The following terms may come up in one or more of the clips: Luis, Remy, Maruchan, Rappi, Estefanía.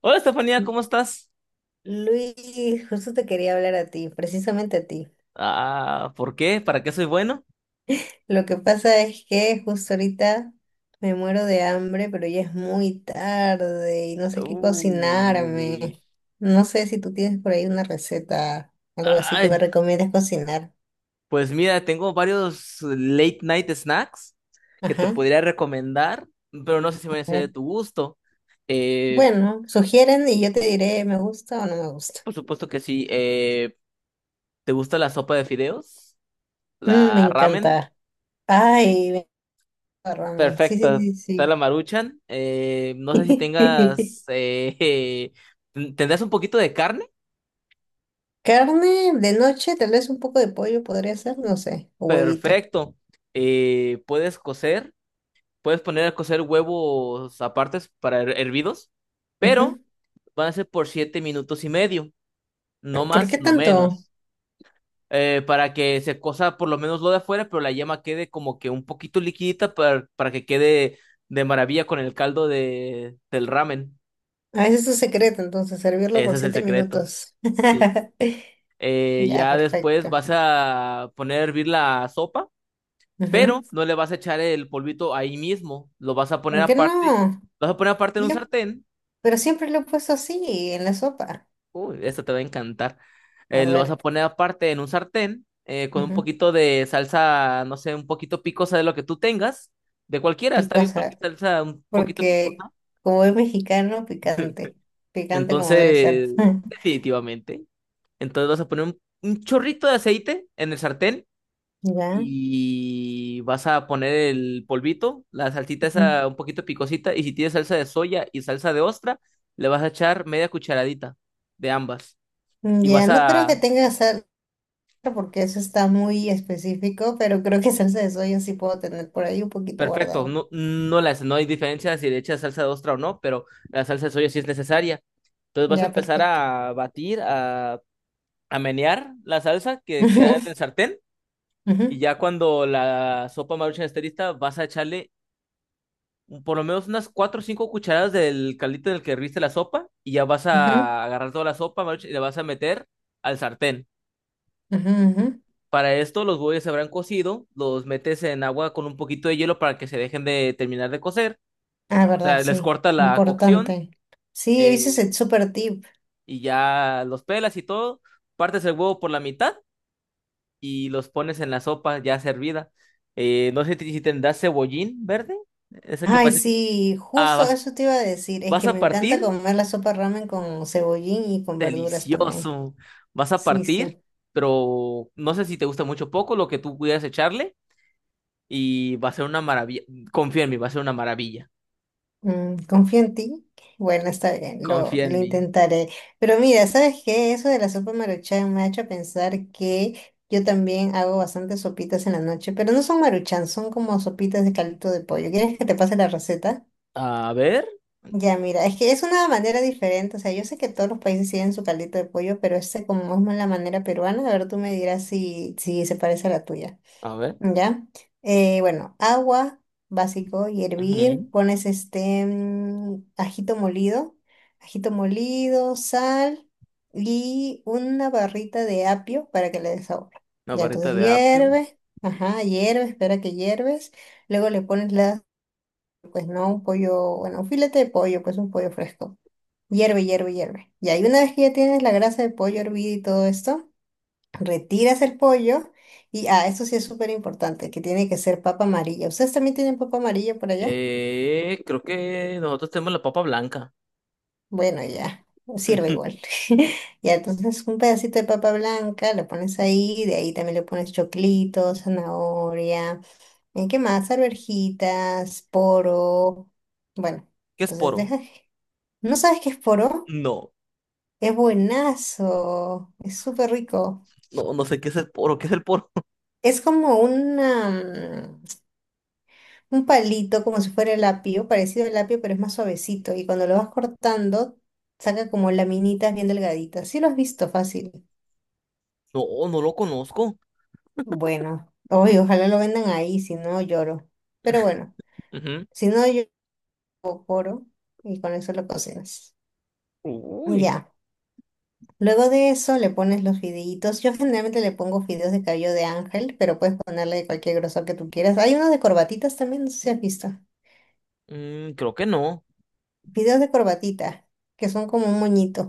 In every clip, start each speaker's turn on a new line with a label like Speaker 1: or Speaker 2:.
Speaker 1: Hola Estefanía,
Speaker 2: Lu-
Speaker 1: ¿cómo estás?
Speaker 2: Luis, justo te quería hablar a ti, precisamente a ti.
Speaker 1: Ah, ¿por qué? ¿Para qué soy bueno?
Speaker 2: Lo que pasa es que justo ahorita me muero de hambre, pero ya es muy tarde y no sé qué
Speaker 1: Uy.
Speaker 2: cocinarme. No sé si tú tienes por ahí una receta, algo así que me
Speaker 1: Ay,
Speaker 2: recomiendas cocinar.
Speaker 1: pues mira, tengo varios late night snacks que te
Speaker 2: Ajá.
Speaker 1: podría recomendar, pero no sé si
Speaker 2: A
Speaker 1: van a ser
Speaker 2: ver.
Speaker 1: de tu gusto. Eh,
Speaker 2: Bueno, sugieren y yo te diré, ¿me gusta o no me gusta?
Speaker 1: por supuesto que sí. ¿Te gusta la sopa de fideos?
Speaker 2: Mm, me
Speaker 1: ¿La ramen?
Speaker 2: encanta. Ay, me encanta ramen. Sí,
Speaker 1: Perfecto,
Speaker 2: sí,
Speaker 1: está la
Speaker 2: sí,
Speaker 1: Maruchan. No sé si
Speaker 2: sí.
Speaker 1: tengas. ¿Tendrás un poquito de carne?
Speaker 2: Carne de noche, tal vez un poco de pollo podría ser, no sé, o huevito.
Speaker 1: Perfecto. ¿Puedes cocer? Puedes poner a cocer huevos apartes para hervidos, pero
Speaker 2: Ujú.
Speaker 1: van a ser por 7 minutos y medio, no
Speaker 2: ¿Por
Speaker 1: más,
Speaker 2: qué
Speaker 1: no
Speaker 2: tanto?
Speaker 1: menos, para que se cosa por lo menos lo de afuera, pero la yema quede como que un poquito liquidita para que quede de maravilla con el caldo del ramen.
Speaker 2: Ah, ese es su secreto, entonces, servirlo
Speaker 1: Ese
Speaker 2: por
Speaker 1: es el
Speaker 2: siete
Speaker 1: secreto.
Speaker 2: minutos.
Speaker 1: Sí.
Speaker 2: Ya,
Speaker 1: Ya después
Speaker 2: perfecto.
Speaker 1: vas a poner a hervir la sopa,
Speaker 2: Ujú.
Speaker 1: pero no le vas a echar el polvito ahí mismo,
Speaker 2: ¿Por qué no?
Speaker 1: lo vas a poner aparte en un
Speaker 2: Le-
Speaker 1: sartén.
Speaker 2: Pero siempre lo he puesto así, en la sopa.
Speaker 1: Uy, esto te va a encantar.
Speaker 2: A
Speaker 1: Lo vas a
Speaker 2: ver,
Speaker 1: poner aparte en un sartén, con un
Speaker 2: ujú.
Speaker 1: poquito de salsa, no sé, un poquito picosa de lo que tú tengas, de cualquiera, está bien, cualquier
Speaker 2: Picosa,
Speaker 1: salsa un poquito
Speaker 2: porque
Speaker 1: picosa.
Speaker 2: como es mexicano, picante. Picante como debe ser.
Speaker 1: Entonces, definitivamente. Entonces vas a poner un chorrito de aceite en el sartén
Speaker 2: Ya,
Speaker 1: y vas a poner el polvito, la salsita
Speaker 2: ujú.
Speaker 1: esa un poquito picosita y si tienes salsa de soya y salsa de ostra, le vas a echar media cucharadita de ambas y
Speaker 2: Ya,
Speaker 1: vas
Speaker 2: no creo que
Speaker 1: a
Speaker 2: tenga porque eso está muy específico, pero creo que salsa de soya sí puedo tener por ahí un poquito
Speaker 1: Perfecto,
Speaker 2: guardado.
Speaker 1: no, no, las, no hay diferencia si le echas salsa de ostra o no, pero la salsa de soya sí es necesaria. Entonces vas a
Speaker 2: Ya,
Speaker 1: empezar
Speaker 2: perfecto.
Speaker 1: a batir, a menear la salsa que queda en el sartén y
Speaker 2: Ujú,
Speaker 1: ya cuando la sopa Maruchan esté lista vas a echarle por lo menos unas 4 o 5 cucharadas del caldito en el que herviste la sopa y ya vas
Speaker 2: ujú, ujú,
Speaker 1: a agarrar toda la sopa Maruchan y la vas a meter al sartén.
Speaker 2: ujú, ujú.
Speaker 1: Para esto los huevos se habrán cocido, los metes en agua con un poquito de hielo para que se dejen de terminar de cocer,
Speaker 2: Ah,
Speaker 1: o
Speaker 2: verdad,
Speaker 1: sea, les
Speaker 2: sí,
Speaker 1: corta la cocción,
Speaker 2: importante. Sí, ese es
Speaker 1: eh,
Speaker 2: el super tip.
Speaker 1: y ya los pelas y todo, partes el huevo por la mitad y los pones en la sopa ya servida. No sé si tendrás cebollín verde, ese que
Speaker 2: Ay,
Speaker 1: parece.
Speaker 2: sí,
Speaker 1: Ah,
Speaker 2: justo
Speaker 1: vas,
Speaker 2: eso te iba a decir, es
Speaker 1: vas
Speaker 2: que
Speaker 1: a
Speaker 2: me encanta
Speaker 1: partir,
Speaker 2: comer la sopa ramen con cebollín y con verduras también.
Speaker 1: delicioso. Vas a
Speaker 2: Sí, sí.
Speaker 1: partir, pero no sé si te gusta mucho o poco lo que tú pudieras echarle y va a ser una maravilla. Confía en mí, va a ser una maravilla.
Speaker 2: Mm, confío en ti. Bueno, está bien, lo,
Speaker 1: Confía en
Speaker 2: lo
Speaker 1: mí.
Speaker 2: intentaré. Pero mira, ¿sabes qué? Eso de la sopa maruchan me ha hecho pensar que yo también hago bastantes sopitas en la noche, pero no son maruchan, son como sopitas de caldito de pollo. ¿Quieres que te pase la receta?
Speaker 1: A ver,
Speaker 2: Ya, mira, es que es una manera diferente. O sea, yo sé que todos los países tienen su caldito de pollo, pero este como es más la manera peruana, a ver, tú me dirás si, se parece a la tuya.
Speaker 1: a ver.
Speaker 2: ¿Ya? Bueno, agua básico y hervir.
Speaker 1: Ujú.
Speaker 2: Pones este ajito molido, sal y una barrita de apio para que le dé sabor.
Speaker 1: Una
Speaker 2: Ya, entonces
Speaker 1: barrita de apio.
Speaker 2: hierve, ajá, hierve, espera que hierves. Luego le pones pues no, un pollo, bueno, un filete de pollo, pues un pollo fresco. Hierve, hierve, hierve. Ya, y una vez que ya tienes la grasa de pollo hervida y todo esto, retiras el pollo y, ah, eso sí es súper importante, que tiene que ser papa amarilla. ¿Ustedes también tienen papa amarilla por allá?
Speaker 1: Creo que nosotros tenemos la papa blanca.
Speaker 2: Bueno, ya, sirve igual. Ya, entonces un pedacito de papa blanca lo pones ahí, de ahí también le pones choclito, zanahoria, ¿en qué más? Arvejitas, poro. Bueno,
Speaker 1: ¿Qué es
Speaker 2: entonces
Speaker 1: poro?
Speaker 2: deja. ¿No sabes qué es poro?
Speaker 1: No,
Speaker 2: Es buenazo, es súper rico.
Speaker 1: no, no sé qué es el poro. ¿Qué es el poro?
Speaker 2: Es como una... un palito como si fuera el apio, parecido al apio, pero es más suavecito. Y cuando lo vas cortando, saca como laminitas bien delgaditas. Sí lo has visto fácil.
Speaker 1: No, no lo conozco.
Speaker 2: Bueno, hoy ojalá lo vendan ahí, si no lloro. Pero bueno,
Speaker 1: Ujú.
Speaker 2: si no yo coro y con eso lo cocinas.
Speaker 1: Uy,
Speaker 2: Ya. Luego de eso le pones los fideitos. Yo generalmente le pongo fideos de cabello de ángel, pero puedes ponerle de cualquier grosor que tú quieras. Hay unos de corbatitas también, no sé si has visto.
Speaker 1: creo que no.
Speaker 2: Fideos de corbatita, que son como un moñito.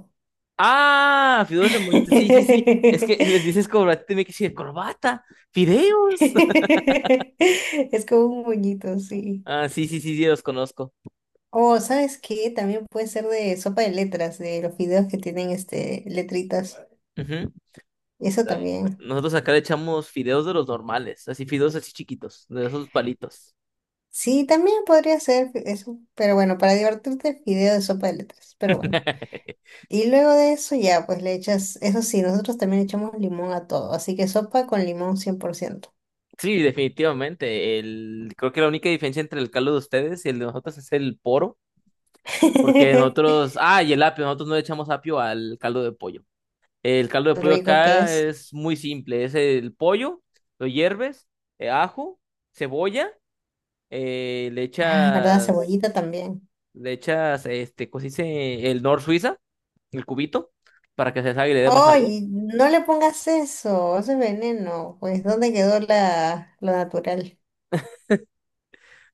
Speaker 1: Ah, fideos de moñito. Sí, sí, sí. Es que les dices corbata y tiene que decir corbata, fideos.
Speaker 2: Es como un moñito, sí.
Speaker 1: Ah, sí, sí, sí, sí, los conozco.
Speaker 2: O, ¿sabes qué? También puede ser de sopa de letras, de los videos que tienen este, letritas.
Speaker 1: Ujú.
Speaker 2: Eso también.
Speaker 1: Nosotros acá le echamos fideos de los normales, así fideos así chiquitos, de esos palitos.
Speaker 2: Sí, también podría ser eso. Pero bueno, para divertirte, video de sopa de letras. Pero bueno. Y luego de eso ya, pues le echas, eso sí, nosotros también echamos limón a todo. Así que sopa con limón 100%.
Speaker 1: Sí, definitivamente. Creo que la única diferencia entre el caldo de ustedes y el de nosotros es el poro. Porque nosotros, y el apio, nosotros no le echamos apio al caldo de pollo. El caldo de
Speaker 2: Tan
Speaker 1: pollo
Speaker 2: rico que
Speaker 1: acá
Speaker 2: es.
Speaker 1: es muy simple, es el pollo, lo hierves, ajo, cebolla, le
Speaker 2: Ah, ¿verdad?
Speaker 1: echas,
Speaker 2: Cebollita también.
Speaker 1: este, ¿cómo se dice? El nor Suiza, el cubito, para que se salga y le dé más sabor.
Speaker 2: Oye, no le pongas eso, eso es veneno. Pues, ¿dónde quedó la, lo natural?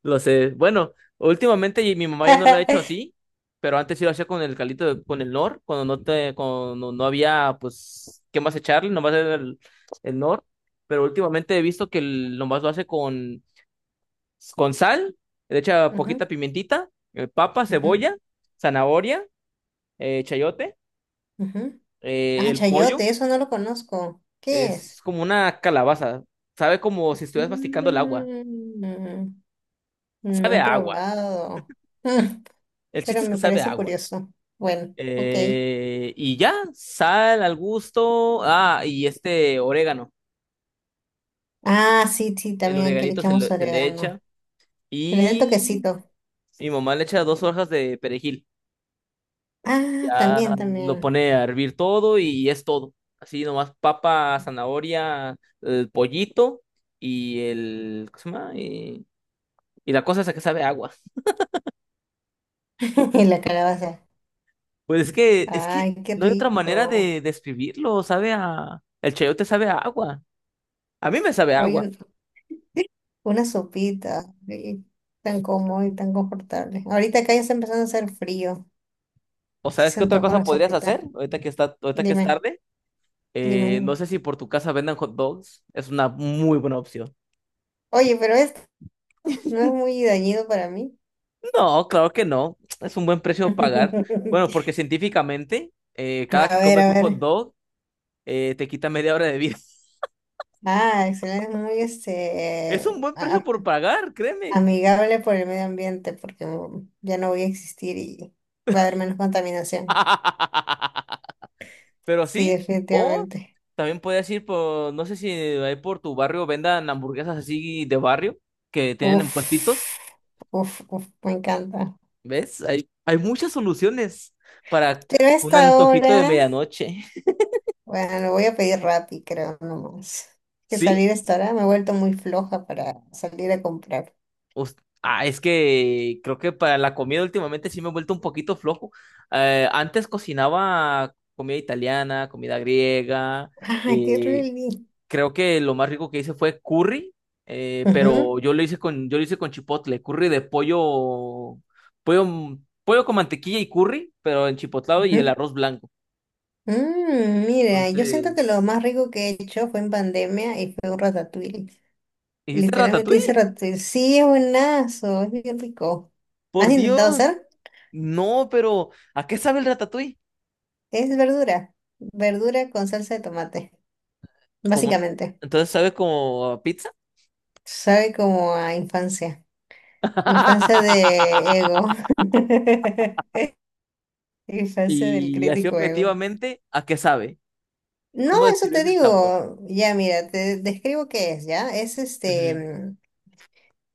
Speaker 1: Lo sé. Bueno, últimamente y mi mamá ya no lo ha hecho así, pero antes sí lo hacía con el caldito, con el nor, cuando no había, pues, ¿qué más echarle? Nomás era el nor. Pero últimamente he visto que nomás lo hace con sal, le echa
Speaker 2: Ujú,
Speaker 1: poquita pimentita, papa,
Speaker 2: ujú,
Speaker 1: cebolla, zanahoria, chayote,
Speaker 2: ujú. Ah,
Speaker 1: el
Speaker 2: chayote,
Speaker 1: pollo.
Speaker 2: eso no lo conozco. ¿Qué
Speaker 1: Es,
Speaker 2: es?
Speaker 1: es como una calabaza. Sabe como si estuvieras masticando el agua.
Speaker 2: Mm, no
Speaker 1: Sabe
Speaker 2: he
Speaker 1: a agua.
Speaker 2: probado. Mm,
Speaker 1: El
Speaker 2: pero
Speaker 1: chiste es que
Speaker 2: me
Speaker 1: sabe a
Speaker 2: parece
Speaker 1: agua.
Speaker 2: curioso. Bueno, ok.
Speaker 1: Y ya, sal al gusto. Ah, y este orégano.
Speaker 2: Ah, sí, sí,
Speaker 1: El
Speaker 2: también aquí le
Speaker 1: oreganito
Speaker 2: echamos
Speaker 1: se le echa.
Speaker 2: orégano. Que le den
Speaker 1: Y
Speaker 2: toquecito.
Speaker 1: mi mamá le echa dos hojas de perejil.
Speaker 2: Ah,
Speaker 1: Ya
Speaker 2: también,
Speaker 1: lo
Speaker 2: también.
Speaker 1: pone a hervir todo y es todo. Así nomás papa, zanahoria, el pollito y el. ¿Cómo se llama? Y la cosa esa que sabe a agua.
Speaker 2: Y la calabaza.
Speaker 1: Pues es que
Speaker 2: Ay, qué
Speaker 1: no hay otra manera
Speaker 2: rico.
Speaker 1: de describirlo. Sabe a. El chayote sabe a agua. A mí me sabe a
Speaker 2: Hoy
Speaker 1: agua.
Speaker 2: una sopita, ay, tan cómodo y tan confortable. Ahorita acá ya está empezando a hacer frío.
Speaker 1: O
Speaker 2: Si
Speaker 1: sabes
Speaker 2: se
Speaker 1: qué otra
Speaker 2: antoja
Speaker 1: cosa
Speaker 2: una
Speaker 1: podrías hacer
Speaker 2: sopita.
Speaker 1: ahorita que es
Speaker 2: Dime,
Speaker 1: tarde.
Speaker 2: dime,
Speaker 1: No
Speaker 2: dime.
Speaker 1: sé si por tu casa vendan hot dogs. Es una muy buena opción.
Speaker 2: Oye, pero esto no es muy dañino para mí.
Speaker 1: No, claro que no. Es un buen precio a pagar. Bueno, porque científicamente, cada
Speaker 2: A
Speaker 1: que
Speaker 2: ver,
Speaker 1: comes
Speaker 2: a
Speaker 1: un
Speaker 2: ver.
Speaker 1: hot dog, te quita media hora de vida.
Speaker 2: Ah, excelente, es muy
Speaker 1: Es un buen precio por pagar, créeme.
Speaker 2: amigable por el medio ambiente porque ya no voy a existir y va a haber menos contaminación.
Speaker 1: Pero
Speaker 2: Sí,
Speaker 1: sí, o
Speaker 2: definitivamente.
Speaker 1: también puedes ir por, no sé si ahí por tu barrio vendan hamburguesas así de barrio que tienen en
Speaker 2: Uf,
Speaker 1: puestitos.
Speaker 2: uf, uf, me encanta.
Speaker 1: ¿Ves? Hay muchas soluciones para
Speaker 2: Pero a
Speaker 1: un
Speaker 2: esta
Speaker 1: antojito de
Speaker 2: hora.
Speaker 1: medianoche.
Speaker 2: Bueno, lo voy a pedir Rappi, creo, nomás. Que
Speaker 1: ¿Sí?
Speaker 2: salir hasta ahora me he vuelto muy floja para salir a comprar.
Speaker 1: us- es que creo que para la comida últimamente sí me he vuelto un poquito flojo. Antes cocinaba comida italiana, comida griega.
Speaker 2: ¡Ah, qué
Speaker 1: eh,
Speaker 2: rico!
Speaker 1: Creo que lo más rico que hice fue curry,
Speaker 2: Ujú,
Speaker 1: pero yo lo hice con chipotle, curry de pollo, pollo con mantequilla y curry, pero en chipotlado y el
Speaker 2: ujú.
Speaker 1: arroz blanco.
Speaker 2: Mm, mira, yo siento que lo
Speaker 1: Entonces,
Speaker 2: más rico que he hecho fue en pandemia y fue un ratatouille.
Speaker 1: ¿hiciste
Speaker 2: Literalmente hice
Speaker 1: ratatouille?
Speaker 2: ratatouille. Sí, es buenazo, es bien rico. ¿Has
Speaker 1: Por
Speaker 2: intentado
Speaker 1: Dios,
Speaker 2: hacer?
Speaker 1: no, pero ¿a qué sabe el ratatouille?
Speaker 2: Es verdura. Verdura con salsa de tomate,
Speaker 1: Como,
Speaker 2: básicamente.
Speaker 1: entonces sabe como a pizza.
Speaker 2: Sabe como a infancia. Infancia de ego. El falso del
Speaker 1: Y así
Speaker 2: crítico ego.
Speaker 1: objetivamente, ¿a qué sabe?
Speaker 2: No,
Speaker 1: ¿Cómo
Speaker 2: eso te
Speaker 1: describes el sabor?
Speaker 2: digo. Ya, mira, te describo qué es, ¿ya?
Speaker 1: Ujú,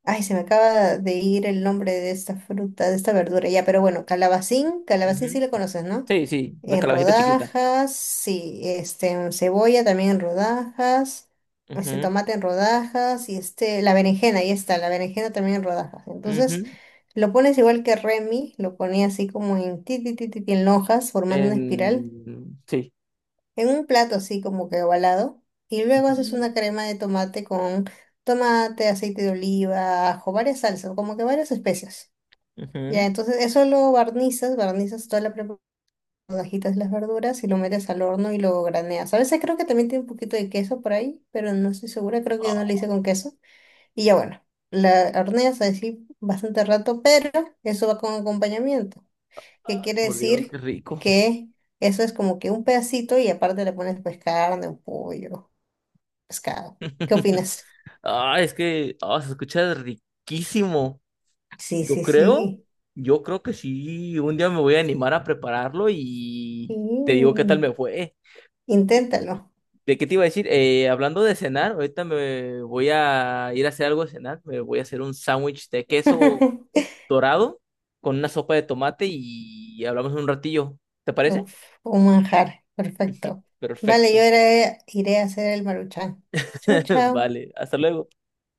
Speaker 2: Ay, se me acaba de ir el nombre de esta fruta, de esta verdura, ya, pero bueno, calabacín, calabacín
Speaker 1: ujú.
Speaker 2: sí le conoces, ¿no?
Speaker 1: Sí, sí, la
Speaker 2: En
Speaker 1: calabacita chiquita.
Speaker 2: rodajas, sí, este, en cebolla también en rodajas, este
Speaker 1: Ujú,
Speaker 2: tomate en rodajas y este, la berenjena, ahí está, la berenjena también en rodajas. Entonces,
Speaker 1: ujú.
Speaker 2: lo pones igual que Remy, lo ponía así como en ti, ti, ti, ti, ti, en hojas, formando una espiral.
Speaker 1: Sí.
Speaker 2: En un plato así como que ovalado y luego haces
Speaker 1: Ujú,
Speaker 2: una crema de tomate con tomate, aceite de oliva, ajo, varias salsas, como que varias especias. Ya,
Speaker 1: ujú.
Speaker 2: entonces eso lo barnizas, barnizas toda la preparación, agitas las verduras y lo metes al horno y lo graneas. A veces creo que también tiene un poquito de queso por ahí, pero no estoy segura, creo que yo no le hice
Speaker 1: Ah,
Speaker 2: con queso. Y ya bueno, la horneas así bastante rato, pero eso va con acompañamiento, ¿que
Speaker 1: ah,
Speaker 2: quiere
Speaker 1: por Dios, qué
Speaker 2: decir?
Speaker 1: rico.
Speaker 2: Que eso es como que un pedacito y aparte le pones pues carne, un pollo, pescado. ¿Qué opinas?
Speaker 1: Ah, es que, se escucha riquísimo.
Speaker 2: Sí,
Speaker 1: Yo
Speaker 2: sí,
Speaker 1: creo,
Speaker 2: sí.
Speaker 1: yo creo que sí, un día me voy a animar a prepararlo y te digo qué tal
Speaker 2: Sí.
Speaker 1: me fue.
Speaker 2: Inténtalo.
Speaker 1: ¿De qué te iba a decir? Hablando de cenar, ahorita me voy a ir a hacer algo de cenar. Me voy a hacer un sándwich de queso dorado con una sopa de tomate y hablamos un ratillo. ¿Te parece?
Speaker 2: Uf, un manjar. Perfecto. Vale,
Speaker 1: Perfecto.
Speaker 2: iré a hacer el maruchan. Chao, chao.
Speaker 1: Vale, hasta luego.